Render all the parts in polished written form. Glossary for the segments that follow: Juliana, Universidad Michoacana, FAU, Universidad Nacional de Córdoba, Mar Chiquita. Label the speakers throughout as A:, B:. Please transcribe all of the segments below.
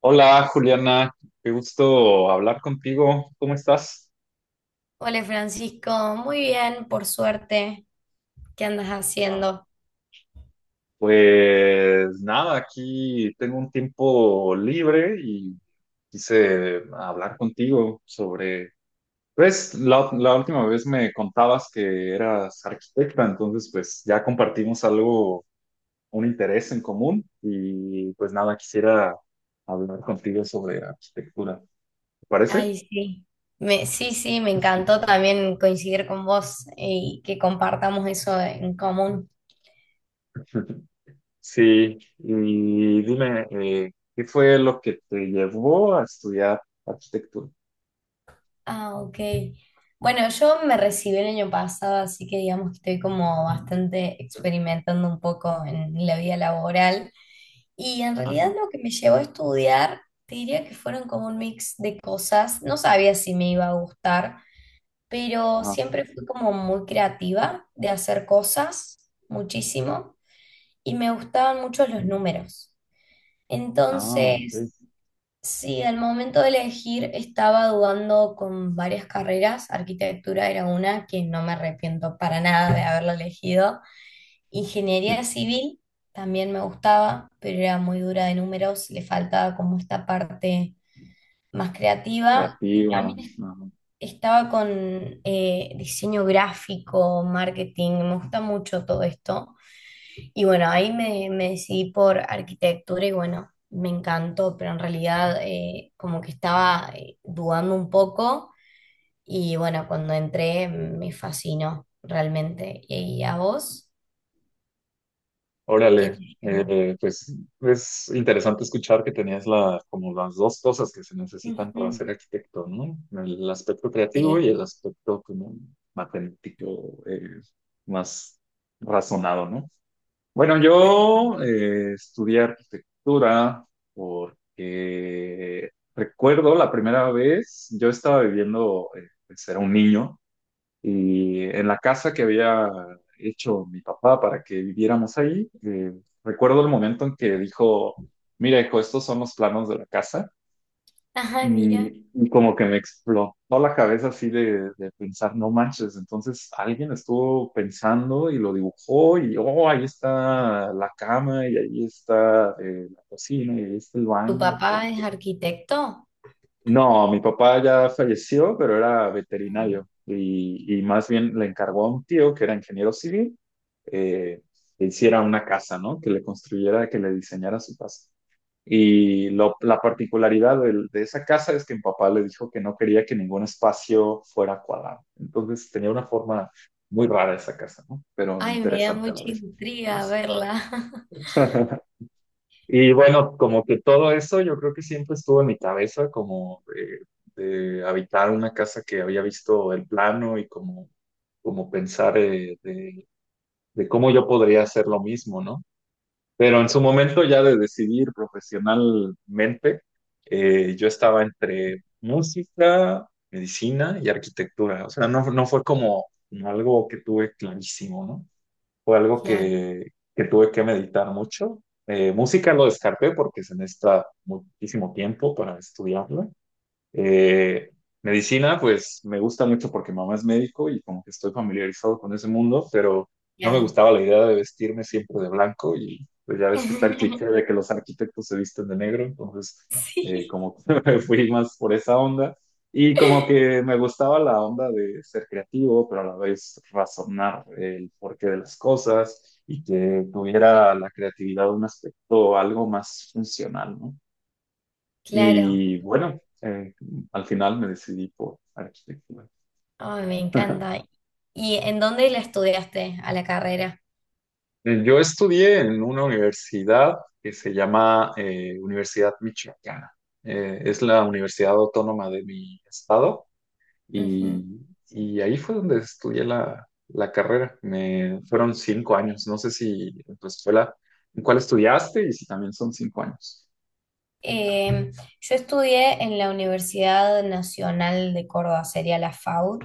A: Hola Juliana, qué gusto hablar contigo. ¿Cómo estás?
B: Hola Francisco, muy bien, por suerte. ¿Qué andas
A: Ah,
B: haciendo?
A: Pues nada, aquí tengo un tiempo libre y quise hablar contigo sobre, pues la última vez me contabas que eras arquitecta, entonces pues ya compartimos algo, un interés en común y pues nada, quisiera hablar contigo sobre arquitectura. ¿Te parece?
B: Ay, sí. Sí, sí, me encantó también coincidir con vos y que compartamos eso en común.
A: Sí, y dime, ¿qué fue lo que te llevó a estudiar arquitectura?
B: Ah, ok. Bueno, yo me recibí el año pasado, así que digamos que estoy como bastante experimentando un poco en la vida laboral. Y en realidad
A: Ajá,
B: lo que me llevó a estudiar, te diría que fueron como un mix de cosas. No sabía si me iba a gustar, pero
A: ajá,
B: siempre fui como muy creativa de hacer cosas, muchísimo, y me gustaban mucho los números.
A: ah, ok.
B: Entonces, sí, al momento de elegir estaba dudando con varias carreras, arquitectura era una que no me arrepiento para nada de haberla elegido,
A: Mm.
B: ingeniería civil también me gustaba, pero era muy dura de números, le faltaba como esta parte más creativa. Y
A: Creativa, ajá.
B: también estaba con diseño gráfico, marketing, me gusta mucho todo esto. Y bueno, ahí me decidí por arquitectura y bueno, me encantó, pero en realidad como que estaba dudando un poco y bueno, cuando entré me fascinó realmente. ¿Y a vos? ¿Qué te
A: Órale,
B: llamó?
A: pues es interesante escuchar que tenías la, como las dos cosas que se necesitan para ser
B: Ujú,
A: arquitecto, ¿no? El aspecto creativo y
B: sí,
A: el aspecto como matemático, más razonado, ¿no? Bueno,
B: tal cual.
A: yo estudié arquitectura porque recuerdo la primera vez, yo estaba viviendo, pues era un niño, y en la casa que había hecho mi papá para que viviéramos ahí, recuerdo el momento en que dijo, mira, hijo, estos son los planos de la casa.
B: Ajá, mira.
A: Y como que me explotó la cabeza así de pensar, no manches, entonces alguien estuvo pensando y lo dibujó y, oh, ahí está la cama y ahí está la cocina y ahí está el
B: ¿Tu
A: baño.
B: papá es arquitecto?
A: No, mi papá ya falleció, pero era
B: No.
A: veterinario y más bien le encargó a un tío que era ingeniero civil eh, que hiciera una casa, ¿no? Que le construyera, que le diseñara su casa. Y lo- la particularidad del- de, esa casa es que mi papá le dijo que no quería que ningún espacio fuera cuadrado. Entonces tenía una forma muy rara esa casa, ¿no? Pero
B: Ay, me da
A: interesante a la
B: mucha
A: vez.
B: intriga
A: Pues,
B: verla.
A: y bueno, como que todo eso yo creo que siempre estuvo en mi cabeza, como de habitar una casa que había visto el plano y como, como pensar de cómo yo podría hacer lo mismo, ¿no? Pero en su momento ya de decidir profesionalmente, yo estaba entre música, medicina y arquitectura. O sea, no, no fue como como algo que tuve clarísimo, ¿no? Fue algo
B: Claro.
A: que tuve que meditar mucho. Música lo descarté porque se necesita muchísimo tiempo para estudiarla. Eh, Medicina, pues me gusta mucho porque mamá es médico y como que estoy familiarizado con ese mundo, pero no me
B: Claro.
A: gustaba la idea de vestirme siempre de blanco y pues ya ves que está el cliché de que los arquitectos se visten de negro, entonces
B: Sí.
A: como que me fui más por esa onda y como que me gustaba la onda de ser creativo, pero a la vez razonar el porqué de las cosas y que tuviera la creatividad un aspecto algo más funcional, ¿no?
B: Claro.
A: Y bueno, al final me decidí por arquitectura.
B: Ay, me encanta. ¿Y en dónde la estudiaste a la carrera?
A: Yo estudié en una universidad que se llama Universidad Michoacana. Es la universidad autónoma de mi estado
B: Ujú.
A: y, y ahí fue donde estudié la carrera. Me, fueron 5 años. No sé si en tu escuela, en cuál estudiaste y si también son 5 años.
B: Eh, yo estudié en la Universidad Nacional de Córdoba, sería la FAU,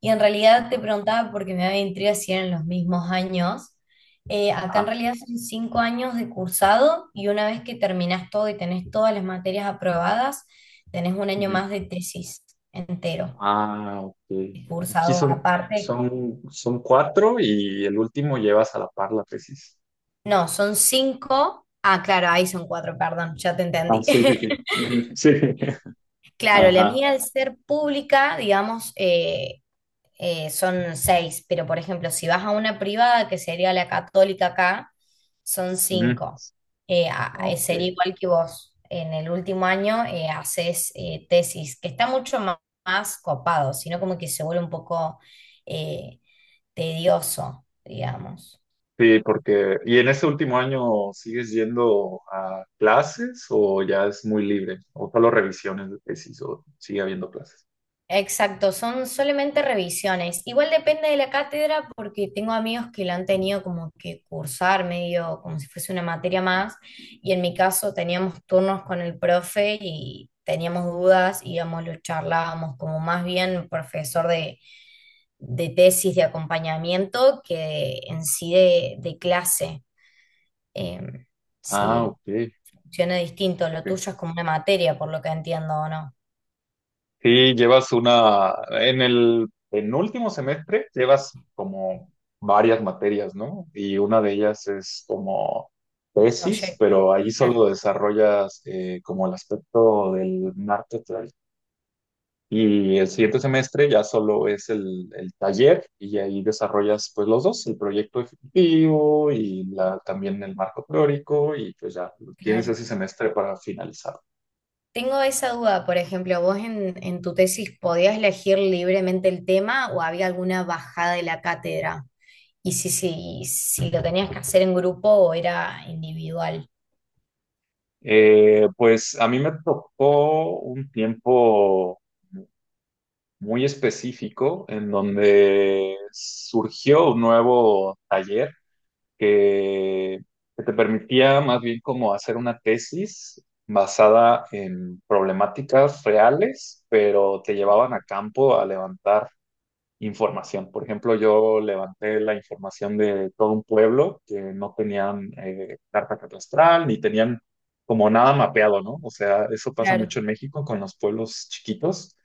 B: y en realidad te
A: Ajá.
B: preguntaba porque me daba intriga si eran los mismos años. Acá en
A: Ajá.
B: realidad son 5 años de cursado y una vez que terminás todo y tenés todas las materias aprobadas, tenés un año
A: Ujú.
B: más de tesis entero,
A: Ah, ok. Aquí
B: cursado
A: son,
B: aparte.
A: son cuatro y el último llevas a la par la tesis.
B: No, son cinco. Ah, claro, ahí son cuatro, perdón, ya te
A: Ah,
B: entendí.
A: sí, sí, sí. Ujú, sí.
B: Claro, la
A: Ajá.
B: mía al ser pública, digamos, son seis, pero por ejemplo, si vas a una privada, que sería la católica acá, son
A: Ujú.
B: cinco. Eh, a-
A: Ah,
B: eh,
A: ok.
B: sería igual que vos. En el último año haces tesis, que está mucho más copado, sino como que se vuelve un poco eh, tedioso, digamos.
A: Sí, porque, ¿y en este último año sigues yendo a clases o ya es muy libre? ¿O solo revisiones de tesis o sigue habiendo clases?
B: Exacto, son solamente revisiones. Igual depende de la cátedra porque tengo amigos que la han tenido como que cursar medio como si fuese una materia más y en mi caso teníamos turnos con el profe y teníamos dudas, íbamos, lo charlábamos como más bien profesor de tesis de acompañamiento que en sí de clase. Em,
A: Ah,
B: sí,
A: ok.
B: funciona distinto, lo
A: Ok.
B: tuyo es como una materia por lo que entiendo o no.
A: Sí, llevas una, en el penúltimo semestre llevas como varias materias, ¿no? Y una de ellas es como tesis,
B: Proyecto,
A: pero ahí
B: claro,
A: solo desarrollas como el aspecto del marketing. Y el siguiente semestre ya solo es el taller y ahí desarrollas pues los dos, el proyecto ejecutivo y la, también el marco teórico y pues ya tienes
B: claro.
A: ese semestre para finalizar.
B: Tengo esa duda, por ejemplo, ¿vos en tu tesis podías elegir libremente el tema o había alguna bajada de la cátedra? Y si lo tenías que hacer en grupo o era individual.
A: Pues a mí me tocó un tiempo muy específico en donde surgió un nuevo taller que, que te permitía más bien como hacer una tesis basada en problemáticas reales, pero te llevaban a campo a levantar información. Por ejemplo, yo levanté la información de todo un pueblo que no tenían carta catastral ni tenían como nada mapeado, ¿no? O sea, eso pasa
B: Claro,
A: mucho en México con los pueblos chiquitos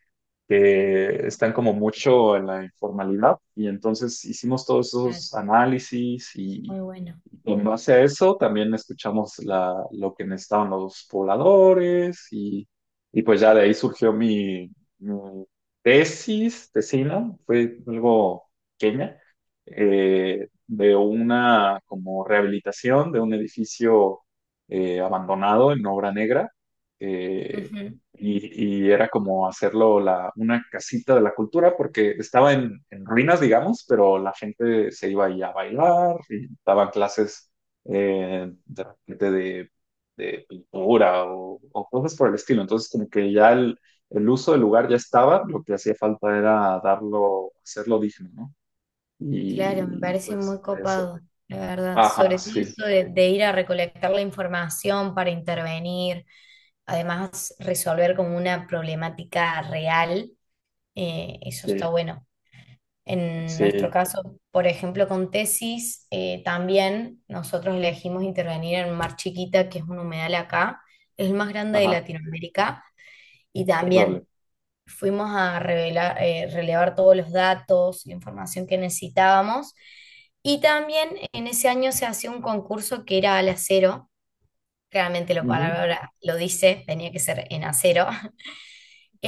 A: que están como mucho en la informalidad y entonces hicimos todos
B: claro,
A: esos análisis
B: muy bueno.
A: y en base a eso también escuchamos la, lo que necesitaban los pobladores y pues ya de ahí surgió mi, mi tesis, tesina, fue algo pequeña, de una como rehabilitación de un edificio abandonado en Obra Negra. eh,
B: Ujú.
A: y, y era como hacerlo la, una casita de la cultura porque estaba en ruinas, digamos, pero la gente se iba ahí a bailar y daban clases de repente de pintura o cosas por el estilo. Entonces, como que ya el uso del lugar ya estaba, lo que hacía falta era darlo, hacerlo digno, ¿no?
B: Claro, me
A: Y
B: parece
A: pues
B: muy
A: de eso.
B: copado, la verdad.
A: Ajá,
B: Sobre todo
A: sí,
B: esto de ir a recolectar la información para intervenir, además resolver como una problemática real, eso
A: sí,
B: está bueno. En nuestro
A: sí,
B: caso, por ejemplo, con tesis, también nosotros elegimos intervenir en Mar Chiquita, que es un humedal acá, es el más grande de
A: ajá,
B: Latinoamérica, y
A: órale.
B: también fuimos a relevar todos los datos, la información que necesitábamos, y también en ese año se hacía un concurso que era al acero, claramente la
A: Ujú,
B: palabra lo dice, tenía que ser en acero.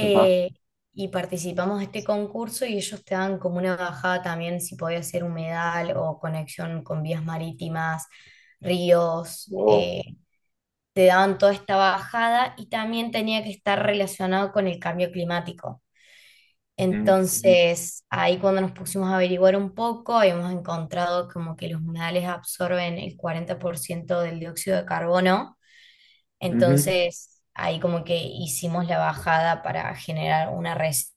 A: ajá,
B: y participamos de este concurso y ellos te dan como una bajada también si podías ser humedal o conexión con vías marítimas, ríos,
A: wow.
B: te daban toda esta bajada y también tenía que estar relacionado con el cambio climático. Entonces, ahí cuando nos pusimos a averiguar un poco, habíamos encontrado como que los humedales absorben el 40% del dióxido de carbono.
A: Ujú,
B: Entonces, ahí como que hicimos la bajada para generar una reserva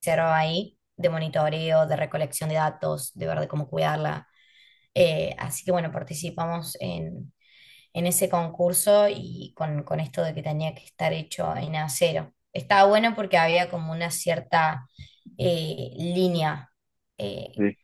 B: hicieron ahí de monitoreo, de recolección de datos, de ver de cómo cuidarla. Así que bueno, participamos en, ese concurso y con esto de que tenía que estar hecho en acero. Estaba bueno porque había como una cierta línea, eh,
A: sí.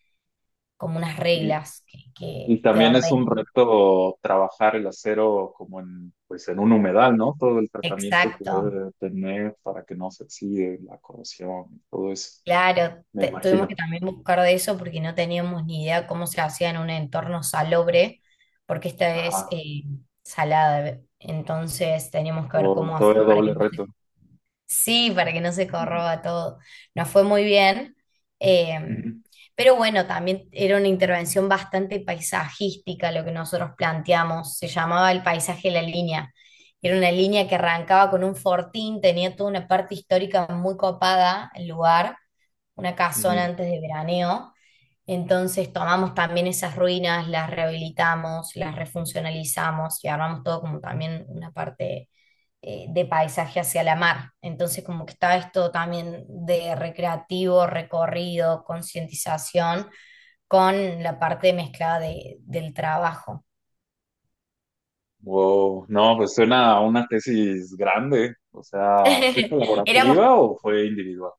B: como unas
A: Y,
B: reglas que
A: y
B: te
A: también es un
B: ordenan.
A: reto trabajar el acero como en, pues en un humedal, ¿no? Todo el tratamiento que
B: Exacto.
A: debe tener para que no se oxide la corrosión, todo eso,
B: Claro,
A: me
B: tuvimos que
A: imagino.
B: también buscar de eso porque no teníamos ni idea cómo se hacía en un entorno salobre, porque esta es
A: Ajá.
B: salada. Entonces teníamos que ver
A: Wow,
B: cómo
A: todavía
B: hacer para
A: doble
B: que no
A: reto.
B: se sí, para que no se
A: Ujú,
B: corroba todo. Nos fue muy bien. eh,
A: ujú,
B: pero bueno, también era una intervención bastante paisajística lo que nosotros planteamos. Se llamaba el paisaje de la línea. Era una línea que arrancaba con un fortín, tenía toda una parte histórica muy copada el lugar, una casona
A: ujú.
B: antes de veraneo. Entonces tomamos también esas ruinas, las rehabilitamos, las refuncionalizamos y armamos todo como también una parte de paisaje hacia la mar. Entonces como que está esto también de recreativo, recorrido, concientización con la parte mezclada del trabajo.
A: Wow, no, pues suena a una tesis grande. O sea, ¿fue
B: Éramos
A: colaborativa o fue individual?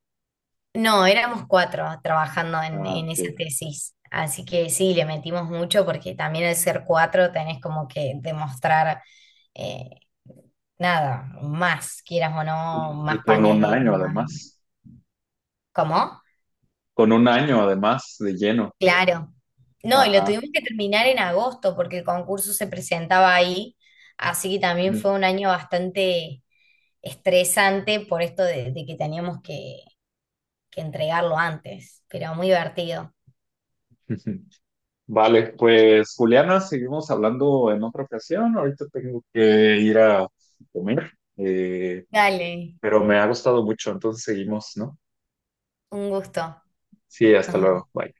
B: No, éramos cuatro trabajando en,
A: Ah,
B: en
A: ok.
B: esa tesis, así que sí, le metimos mucho porque también al ser cuatro tenés como que demostrar, eh, nada, más, quieras o no,
A: Y
B: más
A: con un
B: paneles,
A: año
B: más...
A: además,
B: ¿Cómo?
A: con un año además de lleno.
B: Claro. No, y lo
A: Ajá.
B: tuvimos que terminar en agosto porque el concurso se presentaba ahí, así que también fue un año bastante estresante por esto de que teníamos que entregarlo antes, pero muy divertido.
A: Vale, pues Juliana, seguimos hablando en otra ocasión. Ahorita tengo que ir a comer,
B: Dale,
A: pero me ha gustado mucho, entonces seguimos, ¿no?
B: un gusto.
A: Sí, hasta
B: Nos
A: luego.
B: vemos.
A: Bye.